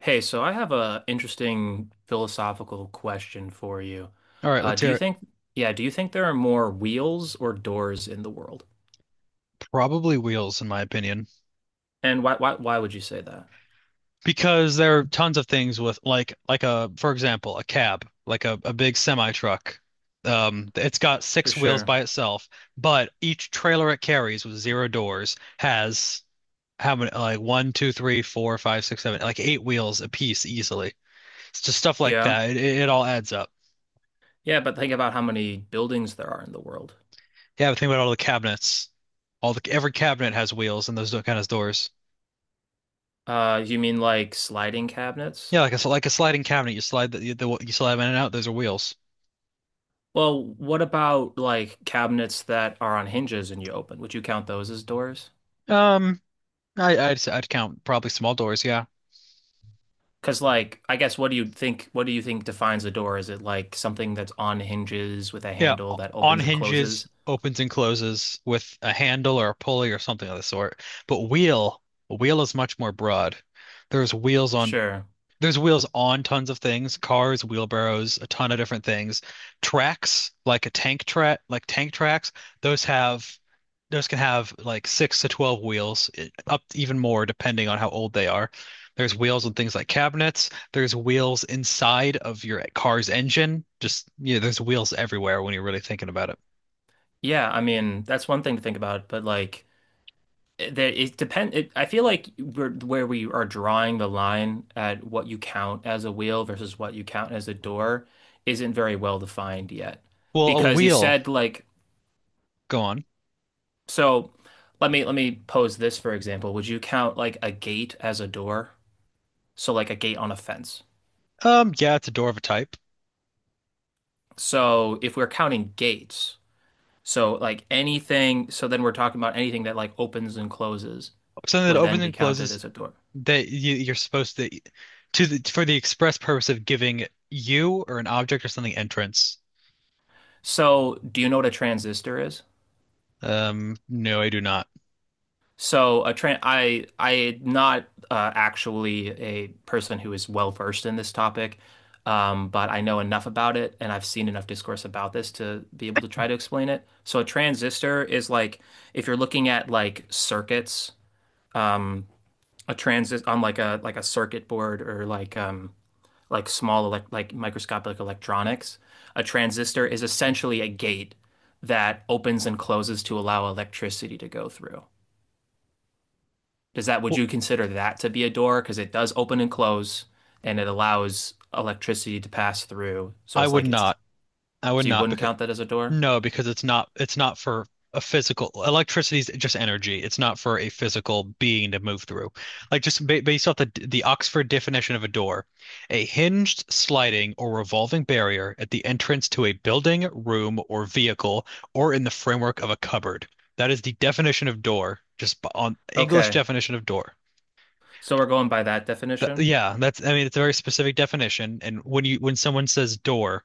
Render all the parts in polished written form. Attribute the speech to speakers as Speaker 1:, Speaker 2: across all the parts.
Speaker 1: Hey, so I have a interesting philosophical question for you.
Speaker 2: All right,
Speaker 1: Uh,
Speaker 2: let's
Speaker 1: do
Speaker 2: hear
Speaker 1: you
Speaker 2: it.
Speaker 1: think, yeah, do you think there are more wheels or doors in the world?
Speaker 2: Probably wheels, in my opinion,
Speaker 1: And why would you say that?
Speaker 2: because there are tons of things with like a for example a cab, like a big semi truck. It's got
Speaker 1: For
Speaker 2: six wheels
Speaker 1: sure.
Speaker 2: by itself, but each trailer it carries with zero doors has how many, like one, two, three, four, five, six, seven, like eight wheels a piece easily. It's just stuff like
Speaker 1: Yeah.
Speaker 2: that. It all adds up.
Speaker 1: Yeah, but think about how many buildings there are in the world.
Speaker 2: Yeah, but think about all the cabinets. All the Every cabinet has wheels and those kind of doors.
Speaker 1: You mean like sliding cabinets?
Speaker 2: Yeah, like like a sliding cabinet. You slide them in and out. Those are wheels.
Speaker 1: Well, what about like cabinets that are on hinges and you open? Would you count those as doors?
Speaker 2: Um, I'd count probably small doors. Yeah,
Speaker 1: Because like, I guess what do you think defines a door? Is it like something that's on hinges with a
Speaker 2: yeah,
Speaker 1: handle that
Speaker 2: on
Speaker 1: opens and
Speaker 2: hinges,
Speaker 1: closes?
Speaker 2: opens and closes with a handle or a pulley or something of the sort. But a wheel is much more broad. There's wheels on
Speaker 1: Sure.
Speaker 2: There's wheels on tons of things: cars, wheelbarrows, a ton of different things. Tracks, like a tank track, like tank tracks, those have those can have like six to 12 wheels, up, even more depending on how old they are. There's wheels on things like cabinets. There's wheels inside of your car's engine. Just, there's wheels everywhere when you're really thinking about it.
Speaker 1: Yeah, I mean, that's one thing to think about, but like it- there it depend it, I feel like where we are drawing the line at what you count as a wheel versus what you count as a door isn't very well defined yet.
Speaker 2: Well, a
Speaker 1: Because you
Speaker 2: wheel,
Speaker 1: said like.
Speaker 2: go on.
Speaker 1: So let me pose this for example. Would you count like a gate as a door? So like a gate on a fence.
Speaker 2: Yeah, it's a door of a type.
Speaker 1: So if we're counting gates, so like anything, so then we're talking about anything that like opens and closes
Speaker 2: Something that
Speaker 1: would then
Speaker 2: opens
Speaker 1: be
Speaker 2: and
Speaker 1: counted
Speaker 2: closes
Speaker 1: as a door.
Speaker 2: that you're supposed to the for the express purpose of giving you or an object or something entrance.
Speaker 1: So, do you know what a transistor is?
Speaker 2: No, I do not.
Speaker 1: So, a tran I'm not actually a person who is well versed in this topic, but I know enough about it, and I've seen enough discourse about this to be able to try to explain it. So, a transistor is like if you're looking at like circuits, um, a transist on like a circuit board or like small elect like microscopic electronics. A transistor is essentially a gate that opens and closes to allow electricity to go through. Would
Speaker 2: Well,
Speaker 1: you consider that to be a door? Because it does open and close and it allows electricity to pass through. So
Speaker 2: I
Speaker 1: it's
Speaker 2: would
Speaker 1: like it's,
Speaker 2: not. I would
Speaker 1: so you
Speaker 2: not
Speaker 1: wouldn't
Speaker 2: because.
Speaker 1: count that as a door?
Speaker 2: No, because it's not for a physical electricity is just energy. It's not for a physical being to move through. Like just ba based off the Oxford definition of a door, a hinged, sliding, or revolving barrier at the entrance to a building, room, or vehicle, or in the framework of a cupboard. That is the definition of door, just on English
Speaker 1: Okay.
Speaker 2: definition of door.
Speaker 1: So we're going by that definition.
Speaker 2: Yeah, that's I mean, it's a very specific definition. And when someone says door,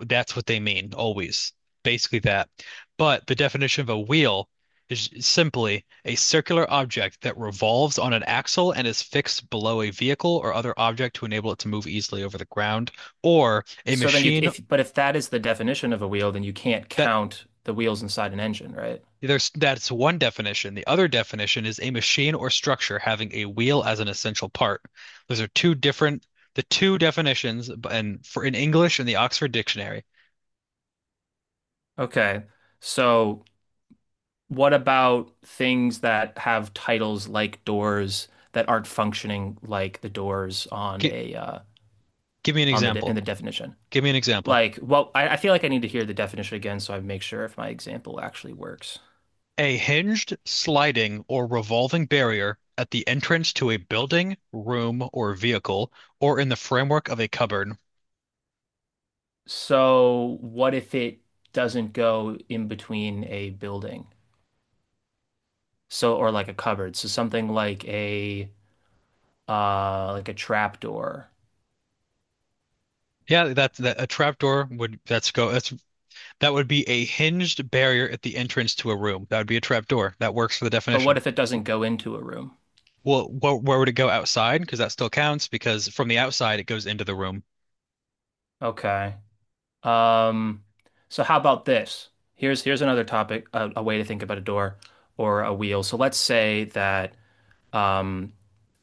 Speaker 2: that's what they mean, always. Basically that. But the definition of a wheel is simply a circular object that revolves on an axle and is fixed below a vehicle or other object to enable it to move easily over the ground, or a
Speaker 1: So then you,
Speaker 2: machine
Speaker 1: if, But if that is the definition of a wheel, then you can't
Speaker 2: that...
Speaker 1: count the wheels inside an engine, right?
Speaker 2: there's that's one definition. The other definition is a machine or structure having a wheel as an essential part. Those are two different the two definitions, and for in English in the Oxford Dictionary.
Speaker 1: Okay. So what about things that have titles like doors that aren't functioning like the doors on
Speaker 2: Gi-
Speaker 1: a
Speaker 2: give me an
Speaker 1: on the de in
Speaker 2: example.
Speaker 1: the definition?
Speaker 2: Give me an example.
Speaker 1: Like, well, I feel like I need to hear the definition again so I make sure if my example actually works.
Speaker 2: A hinged, sliding, or revolving barrier at the entrance to a building, room, or vehicle, or in the framework of a cupboard.
Speaker 1: So, what if it doesn't go in between a building? So, or like a cupboard. So something like a trap door.
Speaker 2: Yeah, that a trapdoor would that's go that's that would be a hinged barrier at the entrance to a room. That would be a trapdoor. That works for the
Speaker 1: But what
Speaker 2: definition.
Speaker 1: if it doesn't go into a room?
Speaker 2: Well, wh where would it go outside? Because that still counts because from the outside it goes into the room.
Speaker 1: Okay. Um, so how about this? Here's another topic, a way to think about a door or a wheel. So let's say that um,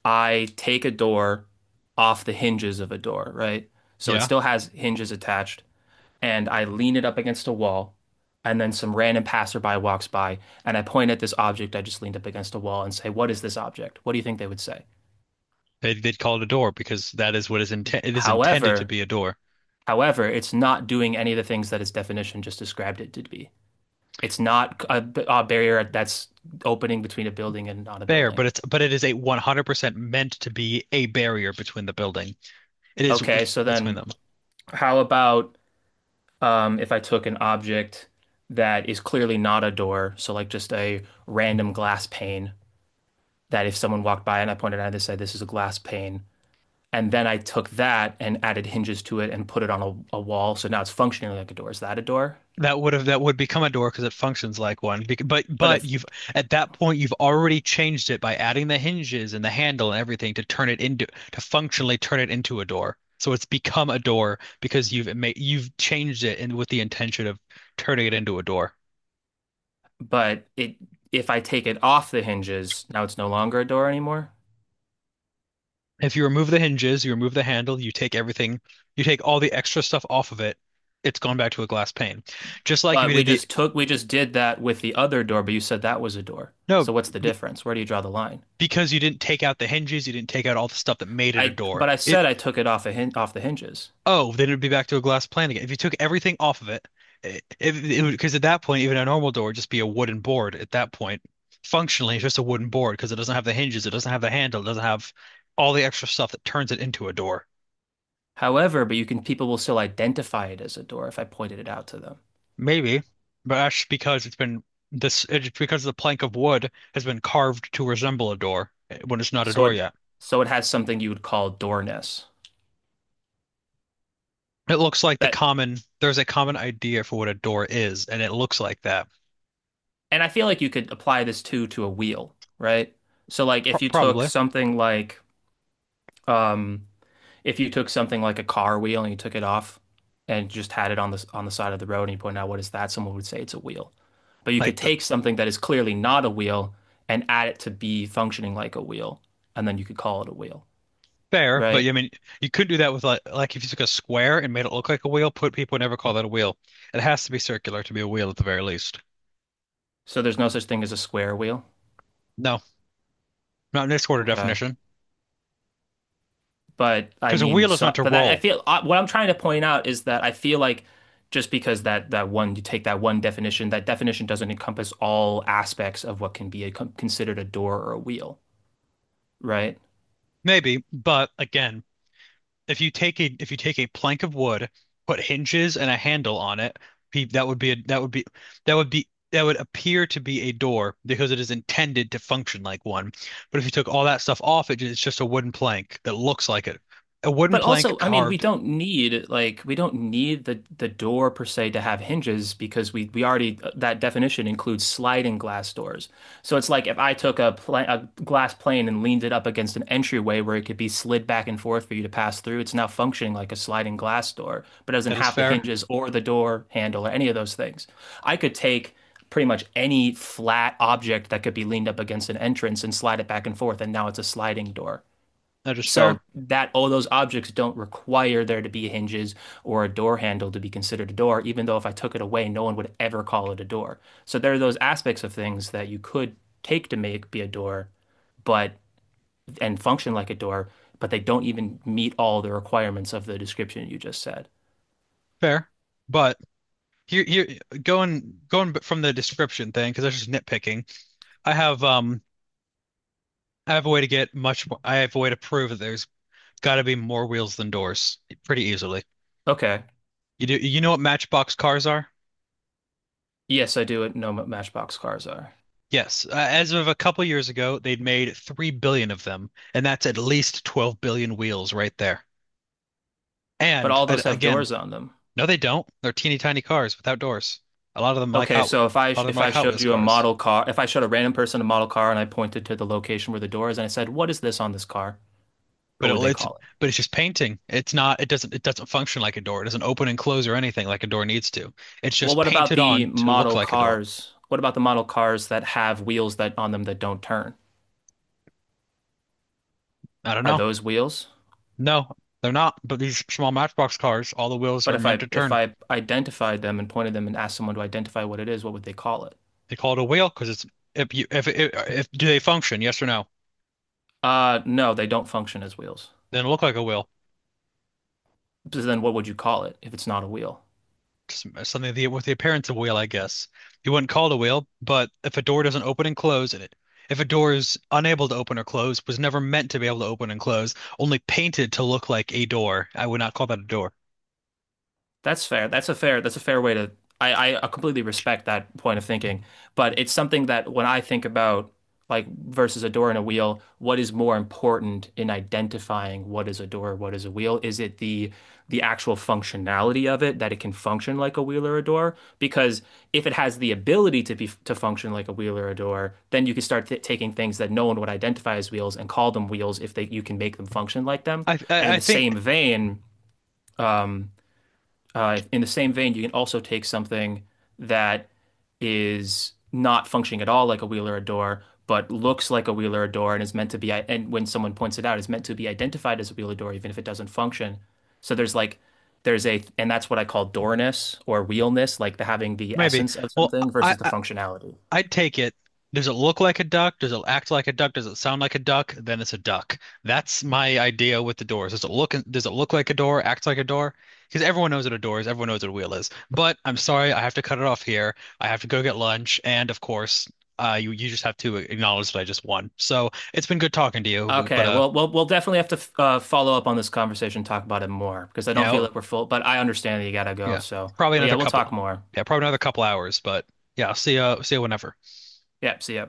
Speaker 1: I take a door off the hinges of a door, right? So it
Speaker 2: Yeah,
Speaker 1: still has hinges attached, and I lean it up against a wall, and then some random passerby walks by, and I point at this object I just leaned up against a wall and say, "What is this object?" What do you think they would say?
Speaker 2: they'd call it a door because that is what is intent. It is intended to
Speaker 1: However,
Speaker 2: be a door.
Speaker 1: however, it's not doing any of the things that its definition just described it to be. It's not a barrier that's opening between a building and not a
Speaker 2: Fair,
Speaker 1: building.
Speaker 2: but it is a 100% meant to be a barrier between the building. It is
Speaker 1: Okay, so
Speaker 2: between
Speaker 1: then
Speaker 2: them.
Speaker 1: how about if I took an object that is clearly not a door, so like just a random glass pane that if someone walked by and I pointed at it said, this is a glass pane, and then I took that and added hinges to it and put it on a wall, so now it's functioning like a door. Is that a door?
Speaker 2: That would become a door because it functions like one.
Speaker 1: But
Speaker 2: But
Speaker 1: if
Speaker 2: you've at that point, you've already changed it by adding the hinges and the handle and everything to functionally turn it into a door. So it's become a door because you've changed it and with the intention of turning it into a door.
Speaker 1: but it if I take it off the hinges, now it's no longer a door anymore.
Speaker 2: If you remove the hinges, you remove the handle, you take everything, you take all the extra stuff off of it, it's gone back to a glass pane. Just like if you
Speaker 1: But
Speaker 2: did the...
Speaker 1: we just did that with the other door, but you said that was a door.
Speaker 2: No,
Speaker 1: So what's the difference? Where do you draw the line?
Speaker 2: because you didn't take out the hinges, you didn't take out all the stuff that made it a
Speaker 1: I,
Speaker 2: door.
Speaker 1: but I
Speaker 2: It
Speaker 1: said I took it off a hin off the hinges.
Speaker 2: oh, then it'd be back to a glass plane again. If you took everything off of it, it because at that point, even a normal door would just be a wooden board. At that point, functionally, it's just a wooden board because it doesn't have the hinges, it doesn't have the handle, it doesn't have all the extra stuff that turns it into a door.
Speaker 1: However, but people will still identify it as a door if I pointed it out to them.
Speaker 2: Maybe, but that's because it's been... this it's because the plank of wood has been carved to resemble a door, when it's not a
Speaker 1: So
Speaker 2: door
Speaker 1: it,
Speaker 2: yet.
Speaker 1: so it has something you would call doorness.
Speaker 2: It looks like
Speaker 1: That,
Speaker 2: there's a common idea for what a door is, and it looks like that.
Speaker 1: and I feel like you could apply this too to a wheel, right? So like
Speaker 2: Pro-
Speaker 1: if you took
Speaker 2: Probably
Speaker 1: something like, um, if you took something like a car wheel and you took it off and just had it on the side of the road and you point out what is that, someone would say it's a wheel. But you
Speaker 2: like
Speaker 1: could
Speaker 2: the
Speaker 1: take something that is clearly not a wheel and add it to be functioning like a wheel, and then you could call it a wheel,
Speaker 2: Fair, but
Speaker 1: right?
Speaker 2: yeah, I mean, you couldn't do that with like if you took a square and made it look like a wheel. Put People would never call that a wheel. It has to be circular to be a wheel at the very least.
Speaker 1: So there's no such thing as a square wheel.
Speaker 2: No, not in this order
Speaker 1: Okay.
Speaker 2: definition,
Speaker 1: But I
Speaker 2: because a
Speaker 1: mean,
Speaker 2: wheel is
Speaker 1: so,
Speaker 2: meant to
Speaker 1: but that I
Speaker 2: roll,
Speaker 1: feel what I'm trying to point out is that I feel like just because that one definition, that definition doesn't encompass all aspects of what can be considered a door or a wheel, right?
Speaker 2: maybe, but again, if you take a plank of wood, put hinges and a handle on it, pe- that would be a, that would be that would appear to be a door because it is intended to function like one. But if you took all that stuff off, it's just a wooden plank that looks like it. A wooden
Speaker 1: But
Speaker 2: plank
Speaker 1: also, I mean, we
Speaker 2: carved.
Speaker 1: don't need like we don't need the door per se to have hinges because we already that definition includes sliding glass doors. So it's like if I took a glass plane and leaned it up against an entryway where it could be slid back and forth for you to pass through, it's now functioning like a sliding glass door, but it doesn't
Speaker 2: That is
Speaker 1: have the
Speaker 2: fair.
Speaker 1: hinges or the door handle or any of those things. I could take pretty much any flat object that could be leaned up against an entrance and slide it back and forth, and now it's a sliding door.
Speaker 2: That is
Speaker 1: So
Speaker 2: fair.
Speaker 1: that all those objects don't require there to be hinges or a door handle to be considered a door, even though if I took it away, no one would ever call it a door. So there are those aspects of things that you could take to make be a door, but and function like a door, but they don't even meet all the requirements of the description you just said.
Speaker 2: Fair. But here, going from the description thing because that's just nitpicking. I have um I have a way to prove that there's got to be more wheels than doors pretty easily.
Speaker 1: Okay.
Speaker 2: You know what Matchbox cars are?
Speaker 1: Yes, I do know what Matchbox cars are,
Speaker 2: Yes. As of a couple years ago, they'd made 3 billion of them, and that's at least 12 billion wheels right there.
Speaker 1: but
Speaker 2: And
Speaker 1: all those
Speaker 2: a-
Speaker 1: have
Speaker 2: again,
Speaker 1: doors on them.
Speaker 2: no, they don't. They're teeny tiny cars without doors. A lot of them like
Speaker 1: Okay,
Speaker 2: Hot, a
Speaker 1: so if I
Speaker 2: lot of them
Speaker 1: if
Speaker 2: are like
Speaker 1: I
Speaker 2: Hot
Speaker 1: showed
Speaker 2: Wheels
Speaker 1: you a
Speaker 2: cars.
Speaker 1: model car, if I showed a random person a model car and I pointed to the location where the door is and I said, "What is this on this car?"
Speaker 2: But
Speaker 1: What
Speaker 2: it,
Speaker 1: would they
Speaker 2: it's
Speaker 1: call it?
Speaker 2: but it's just painting. It's not. It doesn't. It doesn't function like a door. It doesn't open and close or anything like a door needs to. It's
Speaker 1: Well,
Speaker 2: just
Speaker 1: what about
Speaker 2: painted
Speaker 1: the
Speaker 2: on to look
Speaker 1: model
Speaker 2: like a door.
Speaker 1: cars? What about the model cars that have wheels that on them that don't turn?
Speaker 2: I don't
Speaker 1: Are
Speaker 2: know.
Speaker 1: those wheels?
Speaker 2: No, they're not. But these small Matchbox cars, all the wheels are
Speaker 1: But if
Speaker 2: meant
Speaker 1: I
Speaker 2: to
Speaker 1: if
Speaker 2: turn.
Speaker 1: I identified them and pointed them and asked someone to identify what it is, what would they call it?
Speaker 2: They call it a wheel because it's if you if do they function? Yes or no?
Speaker 1: No, they don't function as wheels.
Speaker 2: Then look like a wheel.
Speaker 1: So then what would you call it if it's not a wheel?
Speaker 2: Just something, with the appearance of a wheel, I guess. You wouldn't call it a wheel, but if a door doesn't open and close, and it if a door is unable to open or close, was never meant to be able to open and close, only painted to look like a door, I would not call that a door.
Speaker 1: That's fair. That's a fair way to. I completely respect that point of thinking. But it's something that when I think about like versus a door and a wheel, what is more important in identifying what is a door, what is a wheel? Is it the actual functionality of it that it can function like a wheel or a door? Because if it has the ability to function like a wheel or a door, then you can start th taking things that no one would identify as wheels and call them wheels if they you can make them function like them.
Speaker 2: I
Speaker 1: And
Speaker 2: I,
Speaker 1: in
Speaker 2: I
Speaker 1: the
Speaker 2: think
Speaker 1: same vein, um, you can also take something that is not functioning at all like a wheel or a door, but looks like a wheel or a door and is meant to be, and when someone points it out, is meant to be identified as a wheel or door, even if it doesn't function. So there's like, there's a, and that's what I call doorness or wheelness, like the having the
Speaker 2: maybe.
Speaker 1: essence of
Speaker 2: Well,
Speaker 1: something
Speaker 2: I
Speaker 1: versus the functionality.
Speaker 2: I'd take it. Does it look like a duck? Does it act like a duck? Does it sound like a duck? Then it's a duck. That's my idea with the doors. Does it look like a door? Act like a door? Because everyone knows what a door is. Everyone knows what a wheel is. But I'm sorry, I have to cut it off here. I have to go get lunch, and of course, you just have to acknowledge that I just won. So it's been good talking to you, but,
Speaker 1: Okay, well, we'll definitely have to follow up on this conversation, talk about it more because I don't feel
Speaker 2: yeah,
Speaker 1: like we're full, but I understand that you gotta go.
Speaker 2: yeah,
Speaker 1: So,
Speaker 2: probably
Speaker 1: but yeah,
Speaker 2: another
Speaker 1: we'll talk
Speaker 2: couple,
Speaker 1: more.
Speaker 2: yeah, probably another couple hours. But yeah, see you whenever.
Speaker 1: Yep, see ya.